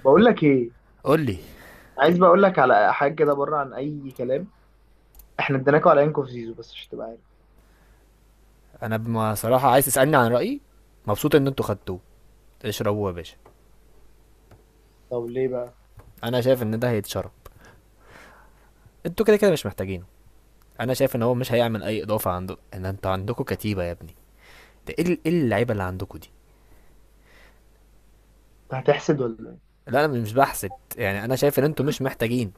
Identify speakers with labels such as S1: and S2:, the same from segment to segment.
S1: بقول لك ايه.
S2: قول لي.
S1: عايز بقول لك على حاجه كده بره عن اي كلام. احنا اديناكوا على انكو في زيزو بس عشان تبقى عارف.
S2: انا بما صراحه عايز تسالني عن رايي، مبسوط ان انتوا خدتوه. اشربوه يا باشا.
S1: طب ليه بقى؟
S2: انا شايف ان ده هيتشرب، انتوا كده كده مش محتاجينه. انا شايف ان هو مش هيعمل اي اضافه، عنده ان انتوا عندكم كتيبه يا ابني. ده ايه ايه اللعيبه اللي عندكم دي؟
S1: انت هتحسد ولا ايه؟
S2: لا انا مش بحسد، يعني انا شايف ان انتوا مش محتاجين.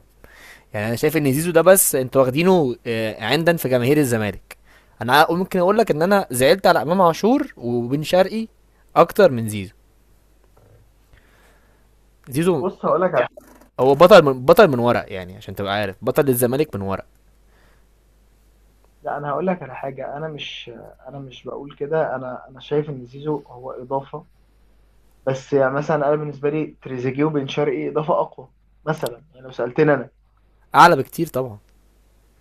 S2: يعني انا شايف ان زيزو ده بس انتوا واخدينه عندا في جماهير الزمالك. انا ممكن اقول لك ان انا زعلت على امام عاشور وبن شرقي اكتر من زيزو. زيزو
S1: بص هقول لك على حاجه.
S2: هو بطل، من بطل من ورق، يعني عشان تبقى عارف بطل الزمالك من ورق.
S1: لا، انا هقول لك على حاجه. انا مش بقول كده. انا شايف ان زيزو هو اضافه. بس يعني مثلا انا بالنسبه لي تريزيجيه وبن شرقي اضافه اقوى، مثلا يعني لو سالتني انا.
S2: اعلى بكتير طبعا.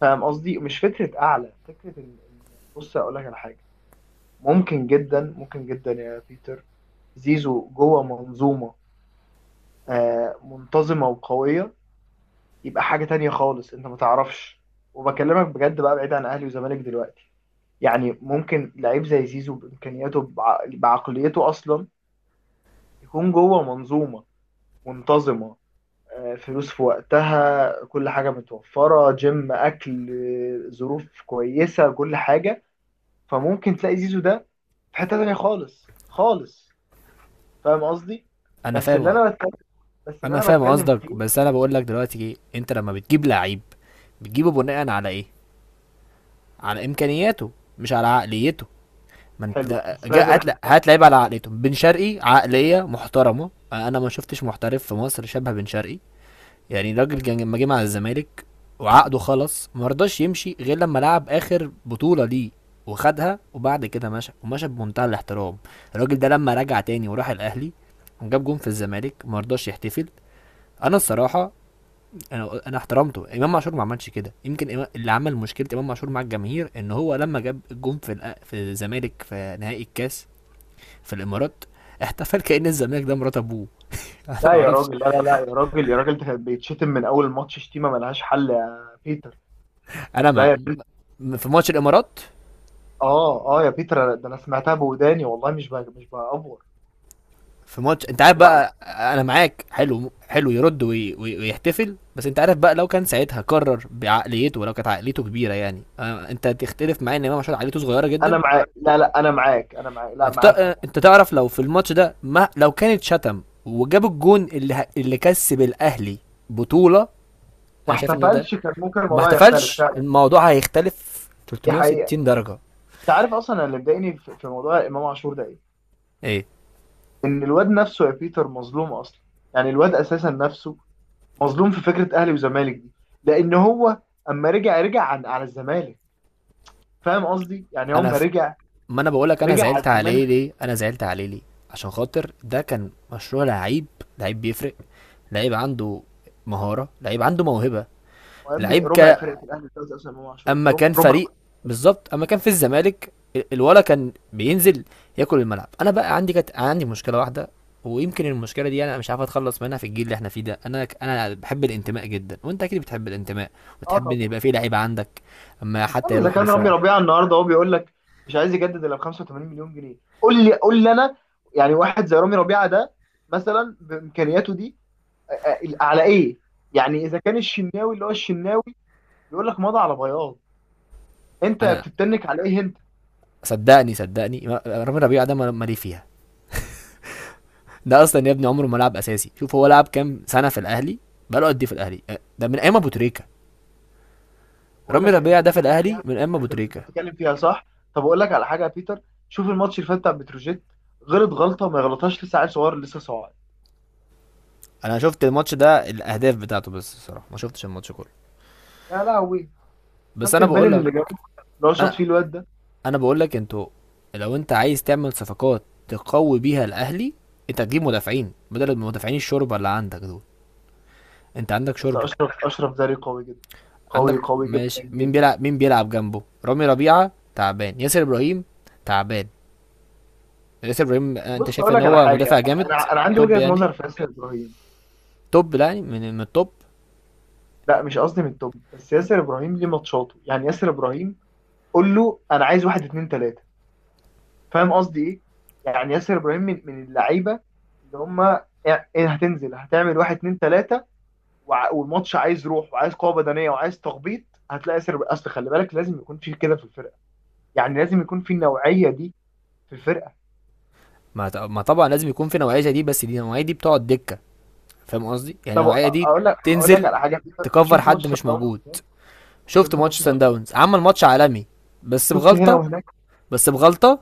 S1: فاهم قصدي؟ مش فكره اعلى، فكره ان بص هقول لك على حاجه. ممكن جدا، ممكن جدا يا بيتر، زيزو جوه منظومه، منتظمه وقويه، يبقى حاجة تانية خالص انت ما تعرفش. وبكلمك بجد بقى بعيد عن اهلي وزمالك دلوقتي. يعني ممكن لعيب زي زيزو بامكانياته بعقليته اصلا يكون جوه منظومة منتظمة، فلوس في وقتها، كل حاجة متوفرة، جيم، اكل، ظروف كويسة، كل حاجة. فممكن تلاقي زيزو ده في حتة تانية خالص خالص. فاهم قصدي؟
S2: انا
S1: بس اللي
S2: فاهم.
S1: انا بتكلم بس اللي
S2: انا
S1: انا
S2: فاهم
S1: بتكلم
S2: قصدك،
S1: فيه.
S2: بس انا بقول لك دلوقتي ايه، انت لما بتجيب لعيب بتجيبه بناء على ايه؟ على امكانياته، مش على عقليته. ما انت
S1: حلو بس انا عايز
S2: هات
S1: اقول
S2: هات لعيب على عقليته. بن شرقي عقليه محترمه، انا ما شفتش محترف في مصر شبه بن شرقي. يعني الراجل
S1: لك.
S2: كان لما جه مع الزمالك وعقده خلص، ما رضاش يمشي غير لما لعب اخر بطوله ليه وخدها، وبعد كده مشى، ومشى بمنتهى الاحترام. الراجل ده لما رجع تاني وراح الاهلي وجاب جون في الزمالك، ما رضاش يحتفل. انا الصراحه، انا احترمته. امام عاشور ما عملش كده، يمكن اللي عمل مشكله امام عاشور مع الجماهير ان هو لما جاب الجون في في الزمالك في نهائي الكاس في الامارات، احتفل. كان الزمالك ده مرات ابوه. انا
S1: لا
S2: ما
S1: يا
S2: اعرفش.
S1: راجل، لا لا لا يا راجل، يا راجل ده كان بيتشتم من اول ماتش شتيمه ملهاش حل يا بيتر. لا
S2: انا
S1: يا بيتر،
S2: ما في ماتش الامارات،
S1: اه اه يا بيتر، ده انا سمعتها بوداني والله، مش بقى مش بأفور.
S2: في ماتش انت عارف
S1: وبعد.
S2: بقى، انا معاك حلو، حلو يرد ويحتفل، بس انت عارف بقى لو كان ساعتها قرر بعقليته، لو كانت عقليته كبيره يعني، انت تختلف معايا ان امام عاشور عقليته صغيره جدا.
S1: انا معاك، لا لا انا معاك، لا
S2: انت ت...
S1: معاك
S2: اه،
S1: طبعا.
S2: انت تعرف لو في الماتش ده، ما لو كانت شتم وجاب الجون اللي اللي كسب الاهلي بطوله،
S1: ما
S2: انا شايف ان ده
S1: احتفلش، كان ممكن
S2: وما
S1: الموضوع يختلف
S2: احتفلش
S1: فعلا.
S2: الموضوع هيختلف
S1: دي حقيقه،
S2: 360
S1: دي حقيقه.
S2: درجه.
S1: انت عارف اصلا، أنا اللي مضايقني في موضوع امام عاشور ده ايه؟
S2: ايه؟
S1: ان الواد نفسه يا بيتر مظلوم اصلا. يعني الواد اساسا نفسه مظلوم في فكره اهلي وزمالك دي. لان هو اما رجع عن على الزمالك، فاهم قصدي؟ يعني
S2: انا
S1: هم
S2: ف...
S1: رجع،
S2: ما انا بقولك انا
S1: رجع على
S2: زعلت عليه
S1: الزمالك.
S2: ليه، انا زعلت عليه ليه؟ عشان خاطر ده كان مشروع لعيب، لعيب بيفرق، لعيب عنده مهارة، لعيب عنده موهبة،
S1: وابني
S2: لعيب
S1: ربع
S2: ك...
S1: فرقه الاهلي دلوقتي اصلا امام عاشور
S2: اما كان
S1: ربع.
S2: فريق، بالظبط اما كان في الزمالك الولا كان بينزل ياكل الملعب. انا بقى عندي، كانت عندي مشكلة واحدة، ويمكن المشكلة دي انا مش عارف اتخلص منها في الجيل اللي احنا فيه ده. انا بحب الانتماء جدا، وانت اكيد بتحب الانتماء
S1: اه
S2: وتحب ان
S1: طبعا.
S2: يبقى في لعيب عندك اما حتى
S1: اما اذا
S2: يروح
S1: كان رامي
S2: دفاع.
S1: ربيعه النهارده هو بيقول لك مش عايز يجدد الا ب 85 مليون جنيه، قول لي، قول لي انا. يعني واحد زي رامي ربيعه ده، مثلا بامكانياته دي، على ايه؟ يعني اذا كان الشناوي اللي هو الشناوي بيقول لك مضى على بياض، انت
S2: انا
S1: بتتنك على ايه انت؟
S2: صدقني، صدقني، رامي ربيعة ده مالي فيها. ده اصلا يا ابني عمره ما لعب اساسي. شوف هو لعب كام سنه في الاهلي، بقاله قد ايه في الاهلي؟ ده من ايام ابو تريكه.
S1: بقول
S2: رامي
S1: لك
S2: ربيع
S1: انت
S2: ده في
S1: بتتكلم
S2: الاهلي
S1: فيها.
S2: من ايام ابو
S1: انت
S2: تريكه.
S1: بتتكلم فيها صح؟ طب اقول لك على حاجه يا بيتر، شوف الماتش اللي فات بتاع بتروجيت. غلط، غلطه ما يغلطهاش، لسه عيل صغير لسه صاعد.
S2: انا شفت الماتش ده، الاهداف بتاعته، بس الصراحه ما شفتش الماتش كله.
S1: يا لهوي،
S2: بس
S1: شفت
S2: انا بقول
S1: البلن
S2: لك.
S1: اللي جابه، اللي هو شاط فيه
S2: انا
S1: الواد ده.
S2: انا بقول لك، انتوا لو انت عايز تعمل صفقات تقوي بيها الاهلي، انت تجيب مدافعين بدل المدافعين الشوربه اللي عندك دول. انت عندك
S1: بس
S2: شوربه.
S1: اشرف، اشرف زاري قوي جدا، قوي
S2: عندك
S1: قوي جدا
S2: ماشي، مين
S1: جدا.
S2: بيلعب، مين بيلعب جنبه؟ رامي ربيعه تعبان، ياسر ابراهيم تعبان. ياسر ابراهيم، انت
S1: بص
S2: شايف
S1: اقول
S2: ان
S1: لك على
S2: هو
S1: حاجه،
S2: مدافع جامد؟
S1: انا عندي
S2: توب
S1: وجهه
S2: يعني،
S1: نظر في ياسر ابراهيم.
S2: توب، لا يعني من من التوب.
S1: لا مش قصدي من التوب، بس ياسر ابراهيم ليه ماتشاته؟ يعني ياسر ابراهيم قول له انا عايز واحد اتنين تلاته. فاهم قصدي ايه؟ يعني ياسر ابراهيم من اللعيبه اللي هم ايه، هتنزل هتعمل واحد اتنين تلاته، والماتش عايز روح، وعايز قوه بدنيه، وعايز تخبيط. هتلاقي ياسر، اصل خلي بالك لازم يكون في كده في الفرقه. يعني لازم يكون في النوعيه دي في الفرقه.
S2: ما طبعا لازم يكون في نوعيه زي دي، بس دي النوعيه دي بتقعد دكه. فاهم قصدي؟ يعني
S1: طب
S2: النوعيه دي
S1: اقول لك
S2: تنزل
S1: على حاجه.
S2: تكفر
S1: شفت
S2: حد
S1: ماتش سان
S2: مش
S1: داونز
S2: موجود.
S1: هناك؟
S2: شفت
S1: شفت
S2: ماتش
S1: ماتش سان
S2: سان
S1: داونز،
S2: داونز؟ عمل ماتش عالمي، بس
S1: شفت هنا
S2: بغلطه،
S1: وهناك.
S2: بس بغلطه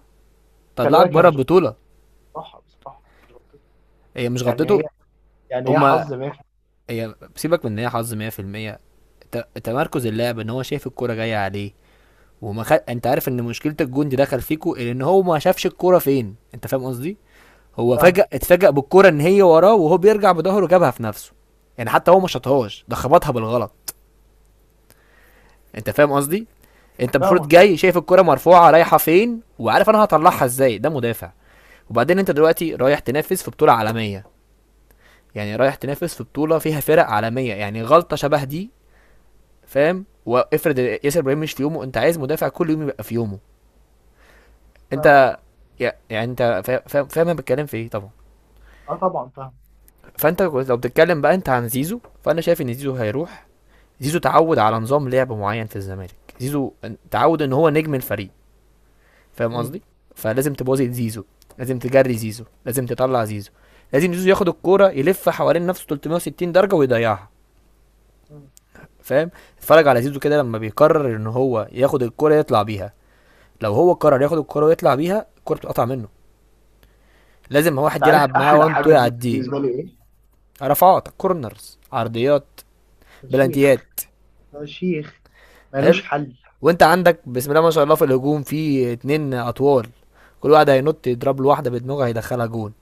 S1: خلي
S2: طلعك
S1: بالك هي
S2: بره
S1: مش
S2: البطوله.
S1: غلطتها بصراحه هي مش غلطتها.
S2: هي مش
S1: يعني هي،
S2: غلطته،
S1: يعني هي
S2: هما،
S1: حظ مافي.
S2: هي سيبك من ان هي حظ، 100% تمركز اللاعب. ان هو شايف الكوره جايه عليه انت عارف ان مشكله الجون دي دخل فيكو ان هو ما شافش الكوره فين، انت فاهم قصدي؟ هو
S1: فاهمه،
S2: فجأة اتفاجأ بالكرة ان هي وراه، وهو بيرجع بظهره جابها في نفسه. يعني حتى هو ما شاطهاش، ده خبطها بالغلط. انت فاهم قصدي؟ انت المفروض
S1: فاهمه طبعا،
S2: جاي شايف الكرة مرفوعة، رايحة فين، وعارف انا هطلعها ازاي. ده مدافع. وبعدين انت دلوقتي رايح تنافس في بطولة عالمية، يعني رايح تنافس في بطولة فيها فرق عالمية، يعني غلطة شبه دي. فاهم؟ وافرض ياسر ابراهيم مش في يومه، انت عايز مدافع كل يوم يبقى في يومه.
S1: فاهمه
S2: انت
S1: قصدي.
S2: يعني انت فاهم، فاهم انا بتكلم في ايه طبعا.
S1: اه طبعا فاهمه.
S2: فانت لو بتتكلم بقى انت عن زيزو، فانا شايف ان زيزو هيروح. زيزو تعود على نظام لعب معين في الزمالك، زيزو تعود ان هو نجم الفريق. فاهم قصدي؟
S1: امم
S2: فلازم تبوظي زيزو، لازم تجري زيزو، لازم تطلع زيزو، لازم زيزو ياخد الكوره يلف حوالين نفسه 360 درجه ويضيعها.
S1: أمم.
S2: فاهم؟ اتفرج على زيزو كده لما بيقرر ان هو ياخد الكوره يطلع بيها، لو هو قرر ياخد الكوره ويطلع بيها الكوره بتقطع منه، لازم
S1: انت
S2: واحد
S1: عارف
S2: يلعب معاه
S1: احلى
S2: وان تو
S1: حاجه دي
S2: يعديه.
S1: بالنسبه لي ايه؟
S2: رفعات، كورنرز، عرضيات،
S1: يا شيخ،
S2: بلانتيات.
S1: يا شيخ
S2: حلو.
S1: ملوش حل.
S2: وانت عندك بسم الله ما شاء الله في الهجوم في اتنين اطوال، كل واحد هينط يضرب له واحده بدماغه هيدخلها جون.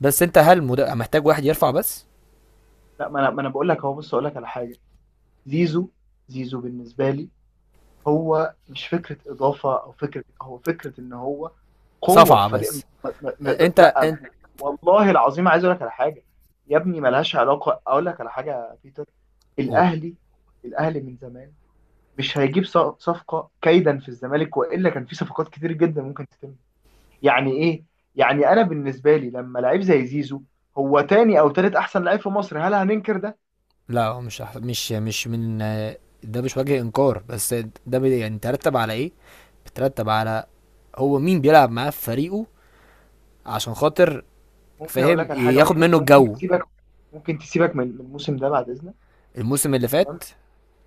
S2: بس انت هل محتاج واحد يرفع بس.
S1: لا ما انا بقول لك اهو، بص اقول لك على حاجه. زيزو، زيزو بالنسبه لي هو مش فكره اضافه او فكره، هو فكره ان هو قوه
S2: صفعه
S1: في فريق
S2: بس. انت
S1: لا.
S2: انت
S1: والله العظيم عايز اقول لك على حاجه يا ابني، ملهاش علاقه. اقول لك على حاجه يا بيتر،
S2: قول.
S1: الاهلي، الاهلي من زمان مش هيجيب صفقه كيدا في الزمالك، والا كان في صفقات كتير جدا ممكن تتم. يعني ايه؟ يعني انا بالنسبه لي، لما لعيب زي زيزو هو تاني او تالت احسن لعيب في مصر، هل هننكر ده؟
S2: لا هو مش من، ده مش وجه انكار، بس ده يعني ترتب على ايه؟ بترتب على هو مين بيلعب معاه في فريقه عشان خاطر،
S1: ممكن اقول
S2: فاهم،
S1: لك على حاجه،
S2: ياخد
S1: ممكن
S2: منه
S1: ممكن
S2: الجو.
S1: تسيبك، ممكن تسيبك من الموسم ده بعد اذنك.
S2: الموسم اللي
S1: تمام.
S2: فات.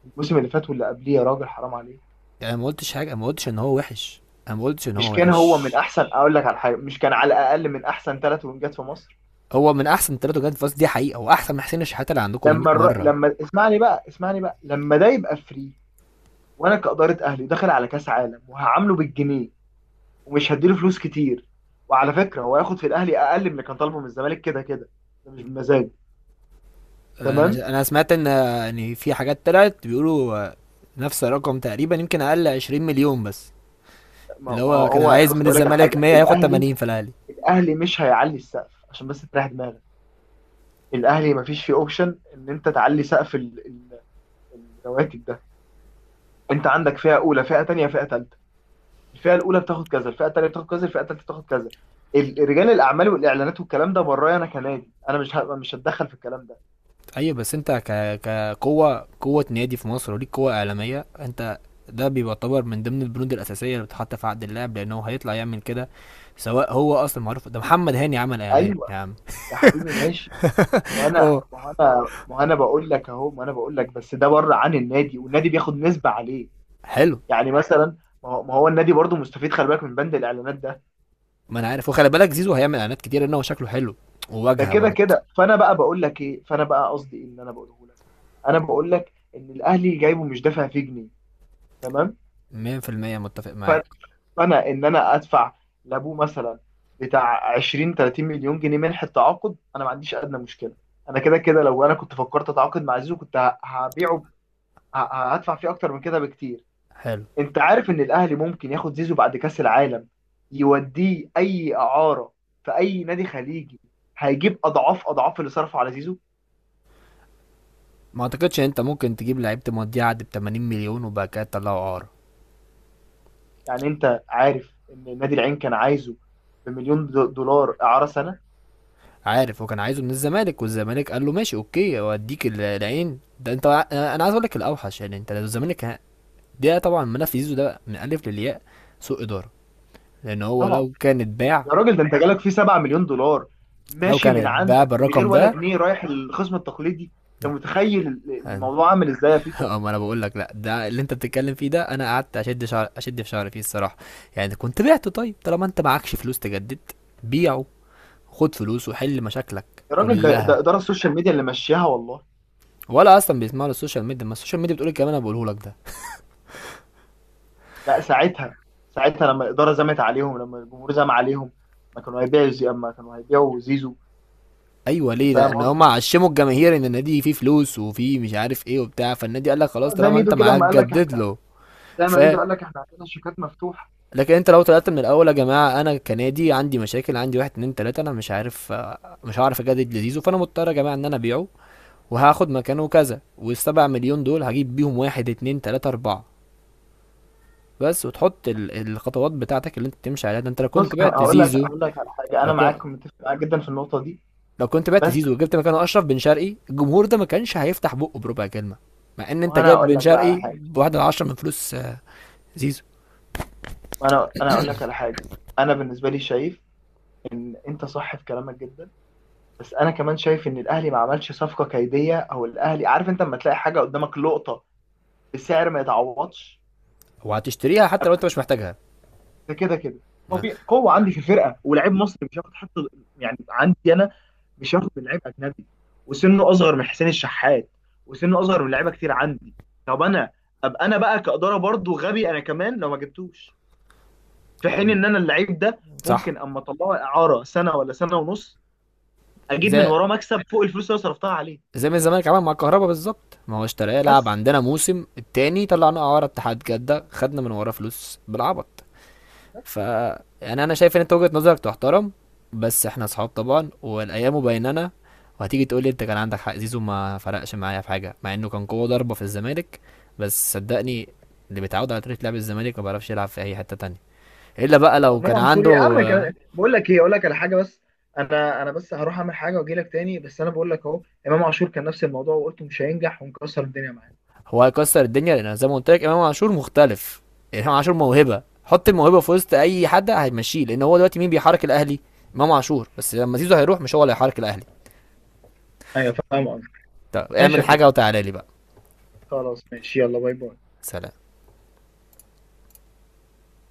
S1: الموسم اللي فات واللي قبليه، يا راجل حرام عليك.
S2: انا ما قلتش حاجه، ما قلتش ان هو وحش، انا ما قلتش ان
S1: مش
S2: هو
S1: كان هو من
S2: وحش.
S1: احسن، اقول لك على حاجه، مش كان على الاقل من احسن ثلاث وينجات في مصر؟
S2: هو من احسن ثلاثه، جاد فاس، دي حقيقه، واحسن من حسين الشحاته اللي عندكم ده 100 مره.
S1: لما اسمعني بقى، اسمعني بقى، لما ده يبقى فري وانا كاداره اهلي داخل على كاس عالم وهعامله بالجنيه ومش هديله فلوس كتير. وعلى فكره هو هياخد في الاهلي اقل من اللي كان طالبه من الزمالك كده كده. ده مش بمزاج. تمام.
S2: انا سمعت ان في حاجات طلعت بيقولوا نفس الرقم تقريبا، يمكن اقل 20 مليون بس.
S1: ما
S2: اللي
S1: ما
S2: هو كان
S1: هو
S2: عايز
S1: بص
S2: من
S1: اقول لك على
S2: الزمالك
S1: حاجه،
S2: 100، هياخد
S1: الاهلي،
S2: 80 في الاهلي.
S1: الاهلي مش هيعلي السقف عشان بس تريح دماغك. الاهلي مفيش فيه اوبشن ان انت تعلي سقف الرواتب ده. انت عندك فئه اولى، فئه تانية، فئه تالتة. الفئه الاولى بتاخد كذا، الفئه الثانيه بتاخد كذا، الفئه الثالثه بتاخد كذا. رجال الاعمال والاعلانات والكلام ده، برايا انا كنادي، انا مش هتدخل في الكلام ده.
S2: ايوه بس انت كقوه، قوه نادي في مصر وليك قوه اعلاميه انت. ده بيعتبر من ضمن البنود الاساسيه اللي بتتحط في عقد اللاعب، لانه هيطلع يعمل كده. سواء هو اصلا معروف، ده محمد هاني عمل اعلان
S1: ايوه.
S2: يا عم.
S1: يا حبيبي ماشي. وانا
S2: اه.
S1: ما انا ما انا بقول لك اهو، ما انا بقول لك بس ده بره عن النادي، والنادي بياخد نسبه عليه.
S2: حلو.
S1: يعني مثلا، ما هو النادي برضو مستفيد، خلي بالك، من بند الاعلانات ده.
S2: ما انا عارف، وخلي بالك زيزو هيعمل اعلانات كتير ان هو شكله حلو
S1: ده
S2: وواجهه
S1: كده
S2: برضه.
S1: كده، فانا بقى بقول لك ايه، فانا بقى قصدي ايه اللي انا بقوله لك؟ انا بقول لك ان الاهلي جايبه مش دافع فيه جنيه. تمام.
S2: 100% متفق معاك.
S1: انا ادفع لابوه مثلا بتاع 20 30 مليون جنيه منح التعاقد، انا ما عنديش ادنى مشكله. انا كده كده لو انا كنت فكرت اتعاقد مع زيزو، كنت هبيعه هدفع فيه اكتر من كده بكتير.
S2: حلو.
S1: انت عارف ان الاهلي ممكن ياخد زيزو بعد كاس العالم، يوديه اي اعاره في اي نادي خليجي، هيجيب اضعاف اضعاف اللي صرفه على زيزو.
S2: ما اعتقدش ان انت ممكن تجيب لعيب تمضيه عقد ب 80 مليون وبعد كده تطلعه اعاره.
S1: يعني انت عارف ان نادي العين كان عايزه بمليون دولار اعاره سنه.
S2: عارف، وكان عايزه من الزمالك، والزمالك قال له ماشي اوكي اوديك العين ده. انت، انا عايز اقول لك الاوحش. يعني انت لو الزمالك ده طبعا ملف زيزو ده من الف للياء سوء اداره. لان هو
S1: طبعا،
S2: لو كان اتباع،
S1: يا راجل ده انت جالك فيه 7 مليون دولار
S2: لو
S1: ماشي
S2: كان
S1: من
S2: اتباع
S1: عندك من غير
S2: بالرقم
S1: ولا
S2: ده.
S1: جنيه، رايح الخصم التقليدي. انت متخيل
S2: لا.
S1: الموضوع عامل ازاي يا بيتر؟
S2: اه ما انا بقول لك لا، ده اللي انت بتتكلم فيه ده انا قعدت اشد شعر، اشد في شعري فيه الصراحه. يعني كنت بعته. طيب طالما انت معكش فلوس تجدد، بيعه، خد فلوس وحل مشاكلك
S1: يا راجل ده ده
S2: كلها.
S1: اداره السوشيال ميديا اللي ماشياها والله.
S2: ولا اصلا بيسمعوا للسوشيال ميديا؟ ما السوشيال ميديا بتقول الكلام اللي انا بقوله لك ده.
S1: لا ساعتها، ساعتها لما الاداره زمت عليهم، لما الجمهور زم عليهم، ما كانوا هيبيعوا، زي ما كانوا هيبيعوا زيزو.
S2: ايوه. ليه؟
S1: فاهم
S2: لان هم
S1: قصدي.
S2: عشموا الجماهير ان النادي فيه فلوس وفيه مش عارف ايه وبتاع، فالنادي قال لك
S1: اه
S2: خلاص
S1: زي
S2: طالما انت
S1: ميدو كده
S2: معاك
S1: لما قال لك
S2: جدد
S1: احنا،
S2: له.
S1: زي
S2: ف
S1: ما ميدو قال لك احنا عندنا شيكات مفتوحه.
S2: لكن انت لو طلعت من الاول يا جماعه، انا كنادي عندي مشاكل، عندي واحد اتنين تلاته، انا مش عارف، مش هعرف اجدد لزيزو، فانا مضطر يا جماعه ان انا ابيعه وهاخد مكانه كذا، والسبع مليون دول هجيب بيهم واحد اتنين تلاتة اربعة بس، وتحط الخطوات بتاعتك اللي انت تمشي عليها. ده انت لو
S1: بص
S2: كنت بعت
S1: هقول لك
S2: زيزو،
S1: هقول لك على حاجه،
S2: لو
S1: انا
S2: كنت
S1: معاك، متفق معاك جدا في النقطه دي.
S2: لو كنت بعت
S1: بس
S2: زيزو وجبت مكانه اشرف بن شرقي، الجمهور ده ما كانش هيفتح بقه بربع كلمة، مع ان انت
S1: وانا
S2: جايب
S1: هقول
S2: بن
S1: لك بقى
S2: شرقي
S1: على حاجه.
S2: بواحد على عشرة من فلوس زيزو.
S1: انا اقول لك على حاجه. انا بالنسبه لي شايف ان انت صح في كلامك جدا، بس انا كمان شايف ان الاهلي ما عملش صفقه كيديه. او الاهلي عارف انت لما تلاقي حاجه قدامك لقطه بسعر ما يتعوضش،
S2: وهتشتريها حتى لو انت مش محتاجها.
S1: ده كده كده
S2: آه،
S1: طبيعي، قوه عندي في الفرقه، ولاعيب مصري مش هياخد حتى، يعني عندي انا، مش هياخد من لعيب اجنبي، وسنه اصغر من حسين الشحات، وسنه اصغر من لعيبه كتير عندي. طب انا ابقى انا بقى كاداره برضو غبي انا كمان لو ما جبتوش، في حين ان انا اللعيب ده
S2: صح.
S1: ممكن اما اطلعه اعاره سنه ولا سنه ونص، اجيب من
S2: زي،
S1: وراه مكسب فوق الفلوس اللي أنا صرفتها عليه.
S2: زي ما الزمالك عمل مع الكهرباء بالظبط. ما هو اشتراه
S1: بس
S2: لعب عندنا موسم، التاني طلعنا اعاره اتحاد جده خدنا من وراه فلوس بالعبط.
S1: بس
S2: ف يعني انا شايف ان انت وجهة نظرك تحترم، بس احنا اصحاب طبعا، والايام بيننا، وهتيجي تقول لي انت كان عندك حق. زيزو ما فرقش معايا في حاجه، مع انه كان قوه ضربه في الزمالك، بس صدقني اللي بيتعود على طريقه لعب الزمالك ما بيعرفش يلعب في اي حته تانية، الا بقى
S1: هو
S2: لو
S1: امام
S2: كان
S1: عاشور
S2: عنده
S1: يا عم بقول لك ايه، اقول لك على حاجه بس. انا بس هروح اعمل حاجه واجي لك تاني، بس انا بقول لك اهو، امام عاشور كان نفس الموضوع وقلت مش هينجح، ومكسر الدنيا معانا.
S2: هو هيكسر الدنيا لان زي ما قلت لك امام عاشور مختلف. امام عاشور موهبه، حط الموهبه في وسط اي حد هيمشيه، لان هو دلوقتي مين بيحرك الاهلي؟ امام عاشور بس، لما زيزو هيروح مش هو اللي هيحرك الاهلي.
S1: ايوه فاهم قصدك.
S2: طب
S1: ماشي
S2: اعمل
S1: يا
S2: حاجه
S1: بيتر،
S2: وتعالى لي بقى.
S1: خلاص ماشي، يلا باي باي.
S2: سلام.